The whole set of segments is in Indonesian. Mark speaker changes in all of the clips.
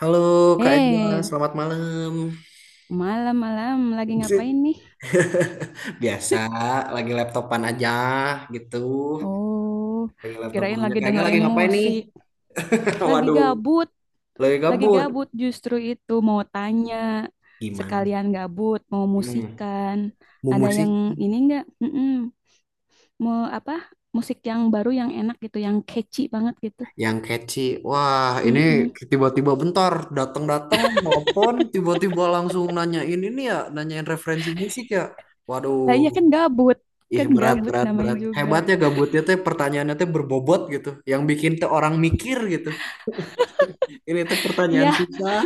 Speaker 1: Halo Kak Ega,
Speaker 2: Hei,
Speaker 1: selamat malam.
Speaker 2: malam-malam lagi ngapain nih?
Speaker 1: Biasa, lagi laptopan aja gitu.
Speaker 2: Oh,
Speaker 1: Lagi laptopan
Speaker 2: kirain
Speaker 1: aja.
Speaker 2: lagi
Speaker 1: Kak Ega lagi
Speaker 2: dengerin
Speaker 1: ngapain nih?
Speaker 2: musik. Lagi
Speaker 1: Waduh,
Speaker 2: gabut,
Speaker 1: lagi
Speaker 2: lagi
Speaker 1: gabut.
Speaker 2: gabut justru itu mau tanya.
Speaker 1: Gimana?
Speaker 2: Sekalian gabut, mau
Speaker 1: Hmm,
Speaker 2: musikan.
Speaker 1: mau
Speaker 2: Ada
Speaker 1: musik
Speaker 2: yang ini enggak? Mm-mm. Mau apa? Musik yang baru yang enak gitu, yang catchy banget gitu.
Speaker 1: yang catchy. Wah, ini
Speaker 2: Mm-mm.
Speaker 1: tiba-tiba bentar datang-datang telepon, tiba-tiba langsung nanyain ini ya, nanyain referensi musik ya. Waduh,
Speaker 2: Lah iya
Speaker 1: ih
Speaker 2: kan
Speaker 1: berat
Speaker 2: gabut
Speaker 1: berat
Speaker 2: namanya
Speaker 1: berat.
Speaker 2: juga.
Speaker 1: Hebatnya gabutnya teh pertanyaannya teh berbobot gitu, yang bikin teh orang mikir gitu. Ini tuh pertanyaan
Speaker 2: Iya,
Speaker 1: susah.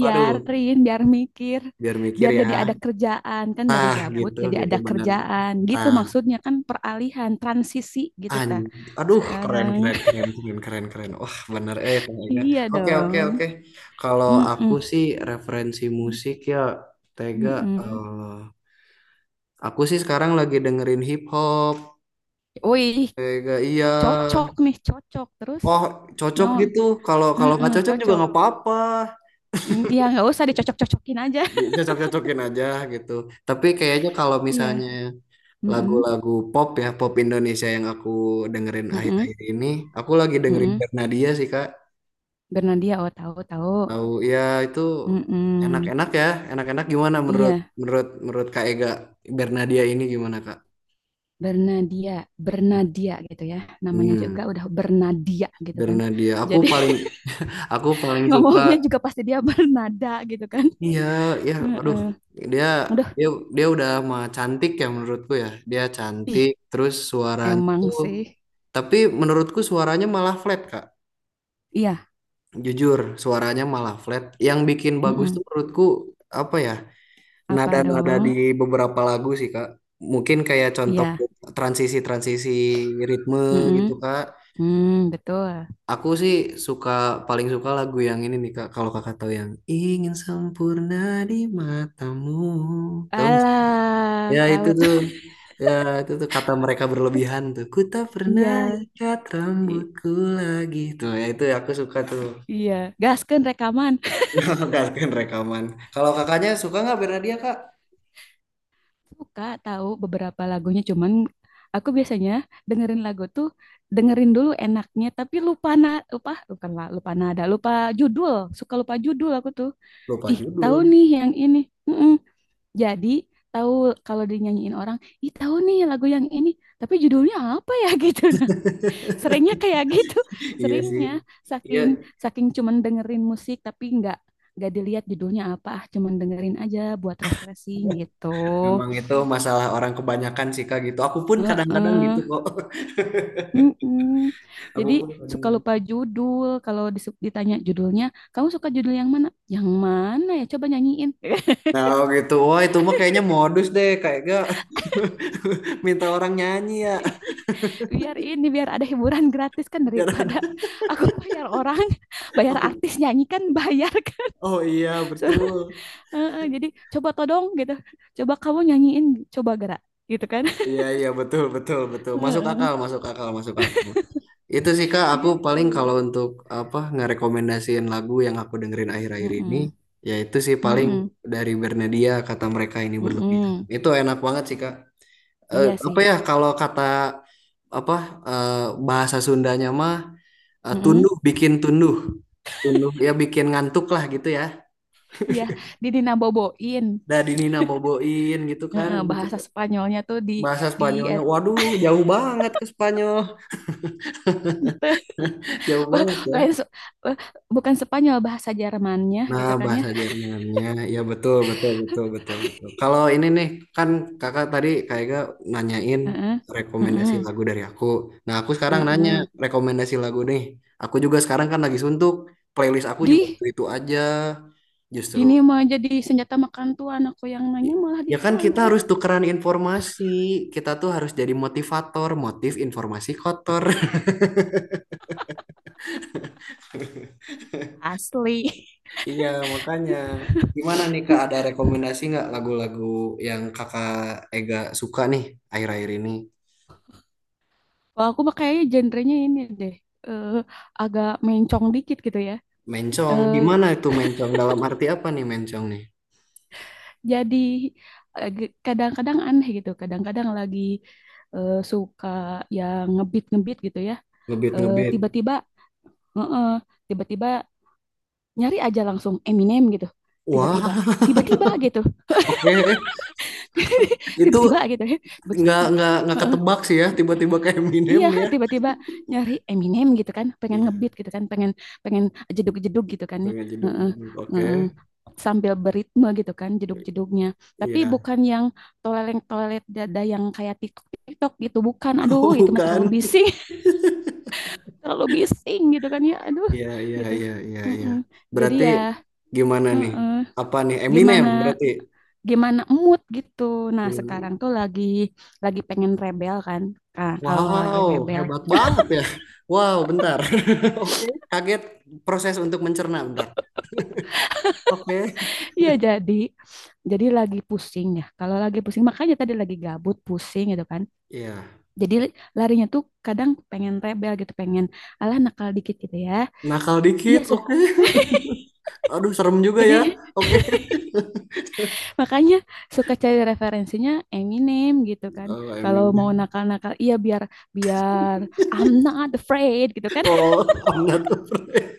Speaker 1: Waduh,
Speaker 2: biar mikir,
Speaker 1: biar mikir
Speaker 2: biar jadi
Speaker 1: ya.
Speaker 2: ada kerjaan, kan dari
Speaker 1: Tah
Speaker 2: gabut
Speaker 1: gitu
Speaker 2: jadi
Speaker 1: gitu
Speaker 2: ada
Speaker 1: bener.
Speaker 2: kerjaan gitu,
Speaker 1: Nah,
Speaker 2: maksudnya kan peralihan transisi gitu
Speaker 1: an
Speaker 2: ta
Speaker 1: aduh keren
Speaker 2: sekarang.
Speaker 1: keren keren keren keren keren. Wah, bener eh Kang Ega.
Speaker 2: Iya
Speaker 1: Oke oke oke.
Speaker 2: dong.
Speaker 1: Kalau aku
Speaker 2: Mm-mm.
Speaker 1: sih referensi musik ya. Tega
Speaker 2: Mm-mm.
Speaker 1: eh, aku sih sekarang lagi dengerin hip hop.
Speaker 2: Wih,
Speaker 1: Tega iya.
Speaker 2: cocok nih, cocok terus
Speaker 1: Oh,
Speaker 2: no.
Speaker 1: cocok gitu. Kalau kalau
Speaker 2: Mm-mm,
Speaker 1: nggak cocok juga
Speaker 2: cocok.
Speaker 1: nggak apa-apa.
Speaker 2: Mm, iya nggak usah dicocok-cocokin aja.
Speaker 1: Cocok-cocokin aja gitu. Tapi kayaknya kalau
Speaker 2: Iya.
Speaker 1: misalnya
Speaker 2: Mm-mm.
Speaker 1: lagu-lagu pop ya, pop Indonesia yang aku dengerin
Speaker 2: Mm-mm.
Speaker 1: akhir-akhir ini. Aku lagi dengerin
Speaker 2: Mm-mm.
Speaker 1: Bernadia sih, Kak.
Speaker 2: Bernadia, oh tahu tahu.
Speaker 1: Tahu ya itu
Speaker 2: Mm-mm.
Speaker 1: enak-enak ya, enak-enak gimana menurut
Speaker 2: Iya.
Speaker 1: menurut menurut Kak Ega, Bernadia ini gimana, Kak?
Speaker 2: Bernadia, Bernadia gitu ya. Namanya
Speaker 1: Hmm,
Speaker 2: juga udah Bernadia gitu kan.
Speaker 1: Bernadia. Aku
Speaker 2: Jadi
Speaker 1: paling aku paling suka
Speaker 2: ngomongnya juga pasti dia bernada gitu kan.
Speaker 1: iya ya aduh
Speaker 2: Heeh.
Speaker 1: dia
Speaker 2: Udah,
Speaker 1: dia Dia udah mah cantik ya menurutku ya. Dia
Speaker 2: ih,
Speaker 1: cantik terus suaranya
Speaker 2: emang
Speaker 1: tuh
Speaker 2: sih.
Speaker 1: tapi menurutku suaranya malah flat, Kak.
Speaker 2: Iya,
Speaker 1: Jujur, suaranya malah flat. Yang bikin bagus tuh
Speaker 2: mm-mm.
Speaker 1: menurutku apa ya?
Speaker 2: Apa
Speaker 1: Nada-nada
Speaker 2: dong?
Speaker 1: di beberapa lagu sih, Kak. Mungkin kayak contoh
Speaker 2: Iya,
Speaker 1: transisi-transisi ritme gitu,
Speaker 2: mm-mm.
Speaker 1: Kak.
Speaker 2: Hmm, betul.
Speaker 1: Aku sih suka paling suka lagu yang ini nih, Kak. Kalau Kakak tahu yang ingin sempurna di matamu. Tahu nggak sih?
Speaker 2: Alah,
Speaker 1: Ya
Speaker 2: tahu.
Speaker 1: itu tuh. Ya itu tuh kata mereka berlebihan tuh. Ku tak pernah
Speaker 2: Iya,
Speaker 1: ikat
Speaker 2: i-
Speaker 1: rambutku lagi. Tuh, ya itu aku suka tuh.
Speaker 2: iya. Gaskeun rekaman.
Speaker 1: Mengharuskan rekaman. Kalau kakaknya suka nggak Bernadia, Kak?
Speaker 2: Suka, tahu beberapa lagunya, cuman aku biasanya dengerin lagu tuh, dengerin dulu enaknya tapi lupa, bukan lah, lupa nada, lupa judul, suka lupa judul aku tuh.
Speaker 1: Lupa
Speaker 2: Ih tahu
Speaker 1: judul.
Speaker 2: nih yang ini. Mm-mm. Jadi tahu, kalau dinyanyiin orang ih tahu nih lagu yang ini, tapi judulnya apa ya. Gitu, nah seringnya kayak gitu,
Speaker 1: Iya sih.
Speaker 2: seringnya
Speaker 1: Iya,
Speaker 2: saking saking cuman dengerin musik tapi nggak dilihat judulnya apa, ah cuman dengerin aja buat refreshing gitu.
Speaker 1: memang itu masalah orang kebanyakan sih Kak gitu. Aku pun kadang-kadang
Speaker 2: Heeh.
Speaker 1: gitu kok.
Speaker 2: Mm-mm.
Speaker 1: Aku
Speaker 2: Jadi
Speaker 1: pun kadang.
Speaker 2: suka lupa judul. Kalau ditanya judulnya, kamu suka judul yang mana? Yang mana ya? Coba nyanyiin.
Speaker 1: Nah, oh gitu. Wah, itu mah kayaknya modus deh. Kayak gak minta orang nyanyi ya.
Speaker 2: Biar ini, biar ada hiburan gratis, kan
Speaker 1: Biar
Speaker 2: daripada
Speaker 1: ada-
Speaker 2: aku bayar orang, bayar artis nyanyi kan bayar kan.
Speaker 1: Oh, iya,
Speaker 2: Suruh,
Speaker 1: betul.
Speaker 2: heeh. Jadi coba todong gitu. Coba kamu nyanyiin, coba gerak gitu kan.
Speaker 1: Iya, iya, betul, betul, betul. Masuk
Speaker 2: Heeh.
Speaker 1: akal, masuk akal, masuk akal. Itu sih Kak, aku paling kalau
Speaker 2: Gitu.
Speaker 1: untuk apa ngerekomendasiin lagu yang aku dengerin akhir-akhir ini,
Speaker 2: Mm-mm.
Speaker 1: ya itu sih paling
Speaker 2: Mm-mm.
Speaker 1: dari Bernadia kata mereka ini berlebihan.
Speaker 2: Mm-mm.
Speaker 1: Itu enak banget sih Kak.
Speaker 2: Iya sih.
Speaker 1: Apa ya kalau kata apa eh, bahasa Sundanya mah
Speaker 2: Mm-mm.
Speaker 1: tunduh bikin tunduh. Tunduh ya bikin ngantuk lah gitu ya.
Speaker 2: Iya, didinaboboin.
Speaker 1: Dari Nina boboin gitu kan
Speaker 2: Heeh, bahasa Spanyolnya tuh
Speaker 1: bahasa
Speaker 2: di
Speaker 1: Spanyolnya.
Speaker 2: eh,
Speaker 1: Waduh, jauh banget ke Spanyol. Jauh banget ya.
Speaker 2: lain se- eh, bukan Spanyol, bahasa Jermannya
Speaker 1: Nah,
Speaker 2: gitu kan ya.
Speaker 1: bahasa Jermannya, ya betul, betul, betul, betul, betul. Kalau ini nih, kan kakak tadi kayaknya nanyain
Speaker 2: Heeh,
Speaker 1: rekomendasi
Speaker 2: heeh,
Speaker 1: lagu dari aku. Nah, aku sekarang nanya
Speaker 2: heeh.
Speaker 1: rekomendasi lagu nih. Aku juga sekarang kan lagi suntuk, playlist aku juga
Speaker 2: Di
Speaker 1: itu-itu aja,
Speaker 2: ini
Speaker 1: justru.
Speaker 2: mah jadi senjata makan tuan, aku yang nanya
Speaker 1: I-
Speaker 2: malah
Speaker 1: Ya kan kita
Speaker 2: ditanya.
Speaker 1: harus tukeran informasi, kita tuh harus jadi motivator, motif informasi kotor.
Speaker 2: Asli.
Speaker 1: Iya, makanya. Gimana nih Kak, ada rekomendasi nggak lagu-lagu yang Kakak Ega suka nih akhir-akhir ini?
Speaker 2: Kalau aku mah kayaknya genrenya ini deh. eh, Agak mencong dikit gitu ya.
Speaker 1: Mencong,
Speaker 2: Eh,
Speaker 1: gimana itu mencong? Dalam arti apa nih mencong nih?
Speaker 2: jadi kadang-kadang aneh gitu. Kadang-kadang lagi suka yang ngebit-ngebit gitu ya.
Speaker 1: Ngebit-ngebit.
Speaker 2: Tiba-tiba heeh, tiba-tiba nyari aja langsung Eminem gitu. Tiba-tiba,
Speaker 1: Wah,
Speaker 2: tiba-tiba gitu.
Speaker 1: oke. Itu
Speaker 2: Tiba-tiba gitu ya.
Speaker 1: nggak
Speaker 2: Heeh,
Speaker 1: ketebak sih ya, tiba-tiba kayak Eminem
Speaker 2: iya,
Speaker 1: nih ya.
Speaker 2: tiba-tiba nyari Eminem gitu kan, pengen
Speaker 1: Iya,
Speaker 2: ngebeat gitu kan, pengen pengen jeduk-jeduk gitu kan ya.
Speaker 1: pengen jeduk
Speaker 2: Heeh,
Speaker 1: jeduk. Oke.
Speaker 2: heeh. Sambil beritme gitu kan, jeduk-jeduknya. Tapi
Speaker 1: Iya.
Speaker 2: bukan yang toleleng-tolelet dada yang kayak TikTok-TikTok gitu, bukan.
Speaker 1: Oh,
Speaker 2: Aduh, itu mah
Speaker 1: bukan.
Speaker 2: terlalu bising, terlalu bising gitu kan ya. Aduh,
Speaker 1: Iya, iya,
Speaker 2: gitu.
Speaker 1: iya, iya, iya.
Speaker 2: Mm-mm. Jadi
Speaker 1: Berarti
Speaker 2: ya,
Speaker 1: gimana nih?
Speaker 2: heeh.
Speaker 1: Apa nih Eminem
Speaker 2: Gimana
Speaker 1: berarti?
Speaker 2: Gimana mood gitu. Nah, sekarang tuh lagi pengen rebel kan. Nah, kalau lagi
Speaker 1: Wow,
Speaker 2: rebel,
Speaker 1: hebat banget ya. Wow, bentar. Oke, kaget proses untuk mencerna bentar. Oke.
Speaker 2: ya jadi lagi pusing ya. Kalau lagi pusing makanya tadi lagi gabut, pusing gitu kan.
Speaker 1: Iya,
Speaker 2: Jadi larinya tuh kadang pengen rebel gitu, pengen alah nakal dikit gitu ya.
Speaker 1: nakal
Speaker 2: Iya,
Speaker 1: dikit.
Speaker 2: Suk.
Speaker 1: Oke. Aduh, serem juga ya.
Speaker 2: Jadi
Speaker 1: Oke.
Speaker 2: makanya suka cari referensinya Eminem gitu kan.
Speaker 1: Oh, I
Speaker 2: Kalau mau
Speaker 1: mean.
Speaker 2: nakal-nakal, iya biar, biar I'm not afraid gitu kan.
Speaker 1: Oh, I'm not afraid.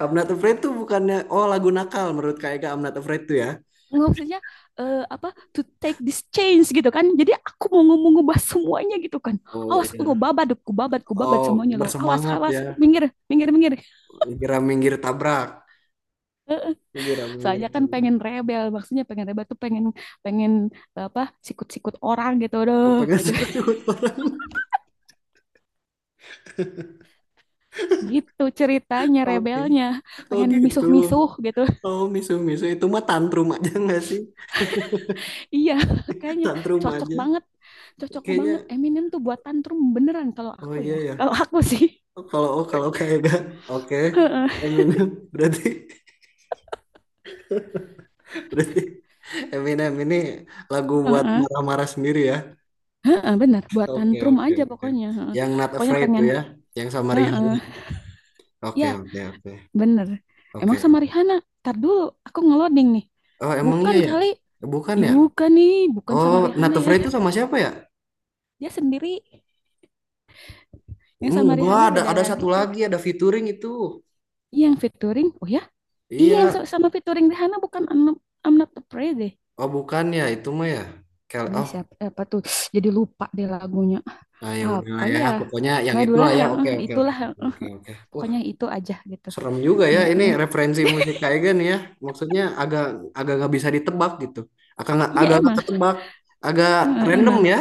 Speaker 1: I'm not afraid tuh bukannya oh lagu nakal menurut Kak Ega I'm not afraid tuh ya.
Speaker 2: Nggak, maksudnya eh, apa to take this change gitu kan, jadi aku mau ngomong, ngubah semuanya gitu kan,
Speaker 1: Oh
Speaker 2: awas lo,
Speaker 1: iya.
Speaker 2: babat ku babat, ku babat
Speaker 1: Oh,
Speaker 2: semuanya lo, awas
Speaker 1: bersemangat
Speaker 2: awas,
Speaker 1: ya.
Speaker 2: minggir, minggir, minggir.
Speaker 1: Kira minggir tabrak.
Speaker 2: Eh,
Speaker 1: Kira minggir
Speaker 2: Soalnya kan pengen
Speaker 1: tabrak.
Speaker 2: rebel, maksudnya pengen rebel tuh pengen pengen eh, apa sikut-sikut orang gitu
Speaker 1: Oh,
Speaker 2: doh
Speaker 1: pengen
Speaker 2: gitu.
Speaker 1: suka-suka orang.
Speaker 2: Gitu ceritanya
Speaker 1: Oke.
Speaker 2: rebelnya,
Speaker 1: Oh
Speaker 2: pengen
Speaker 1: gitu.
Speaker 2: misuh-misuh gitu.
Speaker 1: Oh, misu-misu itu mah tantrum aja nggak sih?
Speaker 2: Iya, kayaknya
Speaker 1: Tantrum
Speaker 2: cocok
Speaker 1: aja
Speaker 2: banget, cocok
Speaker 1: kayaknya.
Speaker 2: banget Eminem tuh buat tantrum beneran, kalau
Speaker 1: Oh
Speaker 2: aku
Speaker 1: iya
Speaker 2: ya,
Speaker 1: ya.
Speaker 2: kalau aku sih.
Speaker 1: Oh, kalau oh kalau kayak kan oke
Speaker 2: Heeh,
Speaker 1: Eminem berarti berarti Eminem ini lagu buat
Speaker 2: heeh.
Speaker 1: marah-marah sendiri ya.
Speaker 2: Heeh, bener, buat
Speaker 1: Oke
Speaker 2: tantrum
Speaker 1: oke
Speaker 2: aja
Speaker 1: oke.
Speaker 2: pokoknya. Heeh.
Speaker 1: Yang Not
Speaker 2: Pokoknya
Speaker 1: Afraid tuh
Speaker 2: pengen,
Speaker 1: ya, yang sama
Speaker 2: heeh.
Speaker 1: Rihanna. Oke
Speaker 2: Ya,
Speaker 1: oke oke
Speaker 2: bener. Emang
Speaker 1: oke.
Speaker 2: sama Rihanna? Ntar dulu, aku ngeloding nih.
Speaker 1: Oh emang iya
Speaker 2: Bukan
Speaker 1: ya.
Speaker 2: kali.
Speaker 1: Bukan
Speaker 2: Ih,
Speaker 1: ya.
Speaker 2: bukan nih, bukan sama
Speaker 1: Oh Not
Speaker 2: Rihanna ya.
Speaker 1: Afraid itu sama siapa ya.
Speaker 2: Dia sendiri. Yang
Speaker 1: Hmm,
Speaker 2: sama
Speaker 1: gua
Speaker 2: Rihanna beda
Speaker 1: ada satu
Speaker 2: lagi kayak.
Speaker 1: lagi ada featuring itu.
Speaker 2: Iya, yang featuring. Oh ya? Iya, yang
Speaker 1: Iya.
Speaker 2: sama featuring Rihanna bukan I'm Not, I'm Not Afraid deh.
Speaker 1: Oh bukan ya itu mah ya.
Speaker 2: Ih,
Speaker 1: Oh.
Speaker 2: siapa, apa tuh? Jadi lupa deh lagunya.
Speaker 1: Nah, ya
Speaker 2: Apa
Speaker 1: udahlah ya,
Speaker 2: ya?
Speaker 1: pokoknya yang
Speaker 2: Aduh
Speaker 1: itulah
Speaker 2: lah,
Speaker 1: ya.
Speaker 2: heeh,
Speaker 1: Oke, oke, oke,
Speaker 2: itulah.
Speaker 1: oke,
Speaker 2: Heeh.
Speaker 1: oke. Oke. Wah,
Speaker 2: Pokoknya itu aja gitu.
Speaker 1: serem juga ya. Ini
Speaker 2: Heeh.
Speaker 1: referensi musik kayak gini ya. Maksudnya agak agak nggak bisa ditebak gitu.
Speaker 2: Iya,
Speaker 1: Agak nggak
Speaker 2: emang.
Speaker 1: ketebak, agak
Speaker 2: Heeh,
Speaker 1: random
Speaker 2: emang
Speaker 1: ya.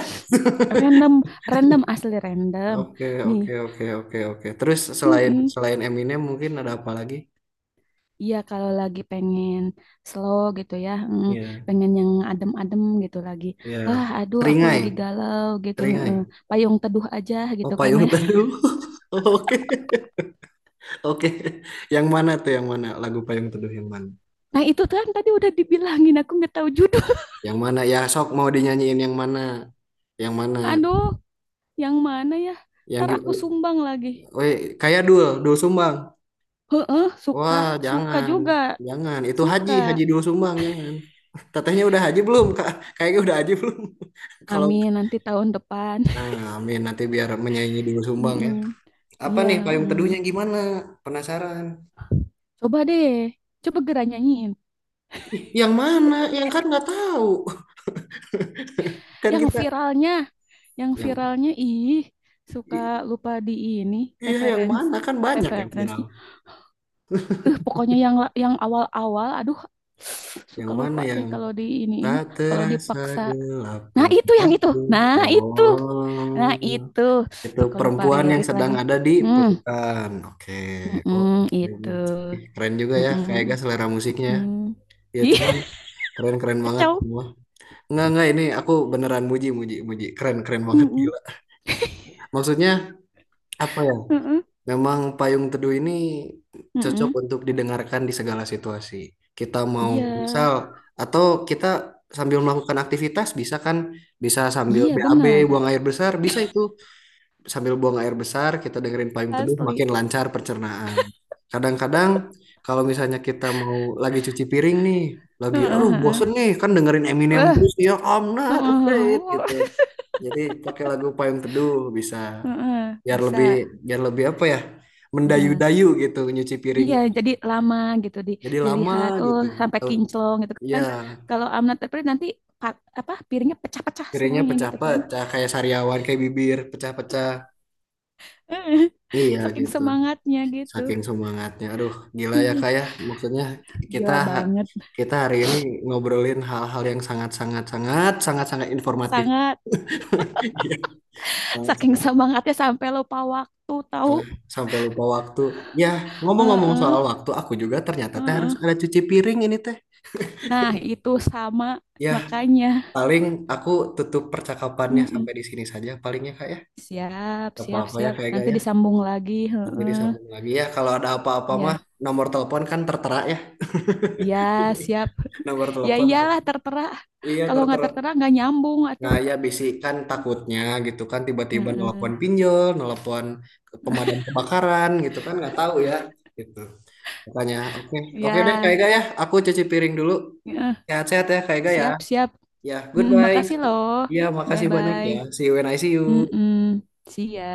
Speaker 2: random, random asli random.
Speaker 1: Oke,
Speaker 2: Nih,
Speaker 1: oke, oke, oke, oke. Terus selain
Speaker 2: mm
Speaker 1: selain Eminem mungkin ada apa lagi?
Speaker 2: iya kalau lagi pengen slow gitu ya, mm,
Speaker 1: Iya,
Speaker 2: pengen yang adem-adem gitu lagi.
Speaker 1: iya.
Speaker 2: Ah, aduh, aku
Speaker 1: Seringai,
Speaker 2: lagi galau gitu.
Speaker 1: seringai.
Speaker 2: Heeh. Payung teduh aja
Speaker 1: Oh,
Speaker 2: gitu kan
Speaker 1: Payung
Speaker 2: ya.
Speaker 1: Teduh. Oke, oke. Yang mana tuh? Yang mana lagu Payung Teduh yang mana?
Speaker 2: Nah itu kan tadi udah dibilangin, aku nggak tahu judul.
Speaker 1: Yang mana? Ya, sok mau dinyanyiin yang mana? Yang mana?
Speaker 2: Aduh, yang mana ya?
Speaker 1: Yang
Speaker 2: Ntar aku
Speaker 1: gimana?
Speaker 2: sumbang lagi.
Speaker 1: Weh, kayak dul sumbang.
Speaker 2: Heeh, suka,
Speaker 1: Wah,
Speaker 2: suka
Speaker 1: jangan,
Speaker 2: juga,
Speaker 1: jangan. Itu
Speaker 2: suka.
Speaker 1: haji dul sumbang, jangan. Tetehnya udah haji belum, Kak? Kayaknya udah haji belum. Kalau,
Speaker 2: Amin, nanti tahun depan.
Speaker 1: nah, amin nanti biar menyaingi dul sumbang ya.
Speaker 2: Mm-mm.
Speaker 1: Apa
Speaker 2: Iya.
Speaker 1: nih payung
Speaker 2: Mm.
Speaker 1: teduhnya gimana? Penasaran.
Speaker 2: Coba deh, coba Gera nyanyiin.
Speaker 1: Ih, yang mana? Yang kan nggak tahu. Kan
Speaker 2: Yang
Speaker 1: kita
Speaker 2: viralnya, yang
Speaker 1: yang
Speaker 2: viralnya ih suka
Speaker 1: i-
Speaker 2: lupa di ini
Speaker 1: iya yang
Speaker 2: reference
Speaker 1: mana kan banyak yang viral.
Speaker 2: referensinya. Eh pokoknya yang yang awal-awal, aduh,
Speaker 1: Yang
Speaker 2: suka
Speaker 1: mana
Speaker 2: lupa
Speaker 1: yang
Speaker 2: deh kalau diiniin,
Speaker 1: tak
Speaker 2: kalau
Speaker 1: terasa
Speaker 2: dipaksa.
Speaker 1: gelap
Speaker 2: Nah
Speaker 1: pun
Speaker 2: itu yang itu,
Speaker 1: jatuh.
Speaker 2: nah itu, nah
Speaker 1: Oh.
Speaker 2: itu
Speaker 1: Itu
Speaker 2: suka lupa
Speaker 1: perempuan yang
Speaker 2: lirik
Speaker 1: sedang
Speaker 2: lagi.
Speaker 1: ada di
Speaker 2: Hmm,
Speaker 1: pelukan. Oke. Oh,
Speaker 2: mm-mm,
Speaker 1: oke.
Speaker 2: itu,
Speaker 1: Ih, keren juga ya, kayak
Speaker 2: mm-mm,
Speaker 1: gak selera musiknya.
Speaker 2: mm.
Speaker 1: Ya
Speaker 2: Ih,
Speaker 1: cuman keren-keren banget
Speaker 2: kacau.
Speaker 1: semua. Enggak ini aku beneran muji, muji, muji. Keren-keren banget
Speaker 2: Mm-mm,
Speaker 1: gila. Maksudnya apa ya?
Speaker 2: mm-mm,
Speaker 1: Memang Payung Teduh ini cocok
Speaker 2: mm-mm.
Speaker 1: untuk didengarkan di segala situasi. Kita mau
Speaker 2: Iya,
Speaker 1: misal atau kita sambil melakukan aktivitas bisa kan? Bisa sambil
Speaker 2: iya
Speaker 1: BAB
Speaker 2: benar.
Speaker 1: buang air besar, bisa itu. Sambil buang air besar, kita dengerin payung teduh
Speaker 2: Asli.
Speaker 1: makin lancar pencernaan. Kadang-kadang kalau misalnya kita mau lagi cuci piring nih, lagi
Speaker 2: Heeh,
Speaker 1: aduh
Speaker 2: heeh.
Speaker 1: bosen nih kan dengerin Eminem
Speaker 2: Wah,
Speaker 1: terus ya I'm not
Speaker 2: heeh,
Speaker 1: afraid gitu.
Speaker 2: heeh.
Speaker 1: Jadi pakai lagu payung teduh bisa
Speaker 2: Heeh.
Speaker 1: biar
Speaker 2: Bisa.
Speaker 1: lebih biar lebih apa ya?
Speaker 2: Heeh.
Speaker 1: Mendayu-dayu gitu nyuci
Speaker 2: Iya,
Speaker 1: piringnya.
Speaker 2: jadi lama gitu di
Speaker 1: Jadi lama
Speaker 2: dilihat. Oh,
Speaker 1: gitu.
Speaker 2: sampai
Speaker 1: Tau-
Speaker 2: kinclong gitu
Speaker 1: Ya,
Speaker 2: kan. Kalau I'm not afraid nanti apa piringnya pecah-pecah
Speaker 1: piringnya
Speaker 2: semuanya gitu kan.
Speaker 1: pecah-pecah kayak sariawan kayak bibir pecah-pecah.
Speaker 2: Heeh.
Speaker 1: Iya
Speaker 2: Saking
Speaker 1: gitu.
Speaker 2: semangatnya gitu.
Speaker 1: Saking semangatnya. Aduh, gila ya
Speaker 2: Aduh,
Speaker 1: Kak ya. Maksudnya kita
Speaker 2: gila banget.
Speaker 1: kita hari ini ngobrolin hal-hal yang sangat-sangat sangat sangat sangat informatif.
Speaker 2: Sangat,
Speaker 1: Iya,
Speaker 2: saking
Speaker 1: sangat-sangat.
Speaker 2: semangatnya sampai lupa waktu tahu.
Speaker 1: Sampai lupa waktu. Ya, ngomong-ngomong soal
Speaker 2: Heeh,
Speaker 1: waktu, aku juga ternyata teh harus
Speaker 2: heeh.
Speaker 1: ada cuci piring ini teh.
Speaker 2: Nah, itu sama
Speaker 1: Ya,
Speaker 2: makanya.
Speaker 1: paling aku tutup percakapannya
Speaker 2: Heeh.
Speaker 1: sampai di sini saja palingnya Kak ya.
Speaker 2: Siap,
Speaker 1: Gak
Speaker 2: siap,
Speaker 1: apa-apa ya
Speaker 2: siap.
Speaker 1: kayak gak
Speaker 2: Nanti
Speaker 1: ya.
Speaker 2: disambung lagi.
Speaker 1: Nanti disambung
Speaker 2: Heeh.
Speaker 1: lagi ya. Kalau ada apa-apa mah
Speaker 2: Ya,
Speaker 1: nomor telepon kan tertera ya.
Speaker 2: ya, siap.
Speaker 1: Nomor
Speaker 2: Ya
Speaker 1: telepon.
Speaker 2: iyalah tertera.
Speaker 1: Iya,
Speaker 2: Kalau nggak
Speaker 1: tertera.
Speaker 2: tertera nggak nyambung atuh.
Speaker 1: Nah, ya bisikan takutnya gitu kan tiba-tiba
Speaker 2: Heeh.
Speaker 1: nelpon pinjol, nelpon ke pemadam kebakaran gitu kan nggak tahu ya gitu. Makanya oke oke deh Kak
Speaker 2: Ya,
Speaker 1: Ega ya, aku cuci piring dulu.
Speaker 2: heeh.
Speaker 1: Sehat-sehat ya Kak Ega ya.
Speaker 2: Siap, siap.
Speaker 1: Ya,
Speaker 2: Mm,
Speaker 1: goodbye.
Speaker 2: makasih loh.
Speaker 1: Ya makasih banyak
Speaker 2: Bye-bye.
Speaker 1: ya. See you when I see you.
Speaker 2: Mm-mm. See ya.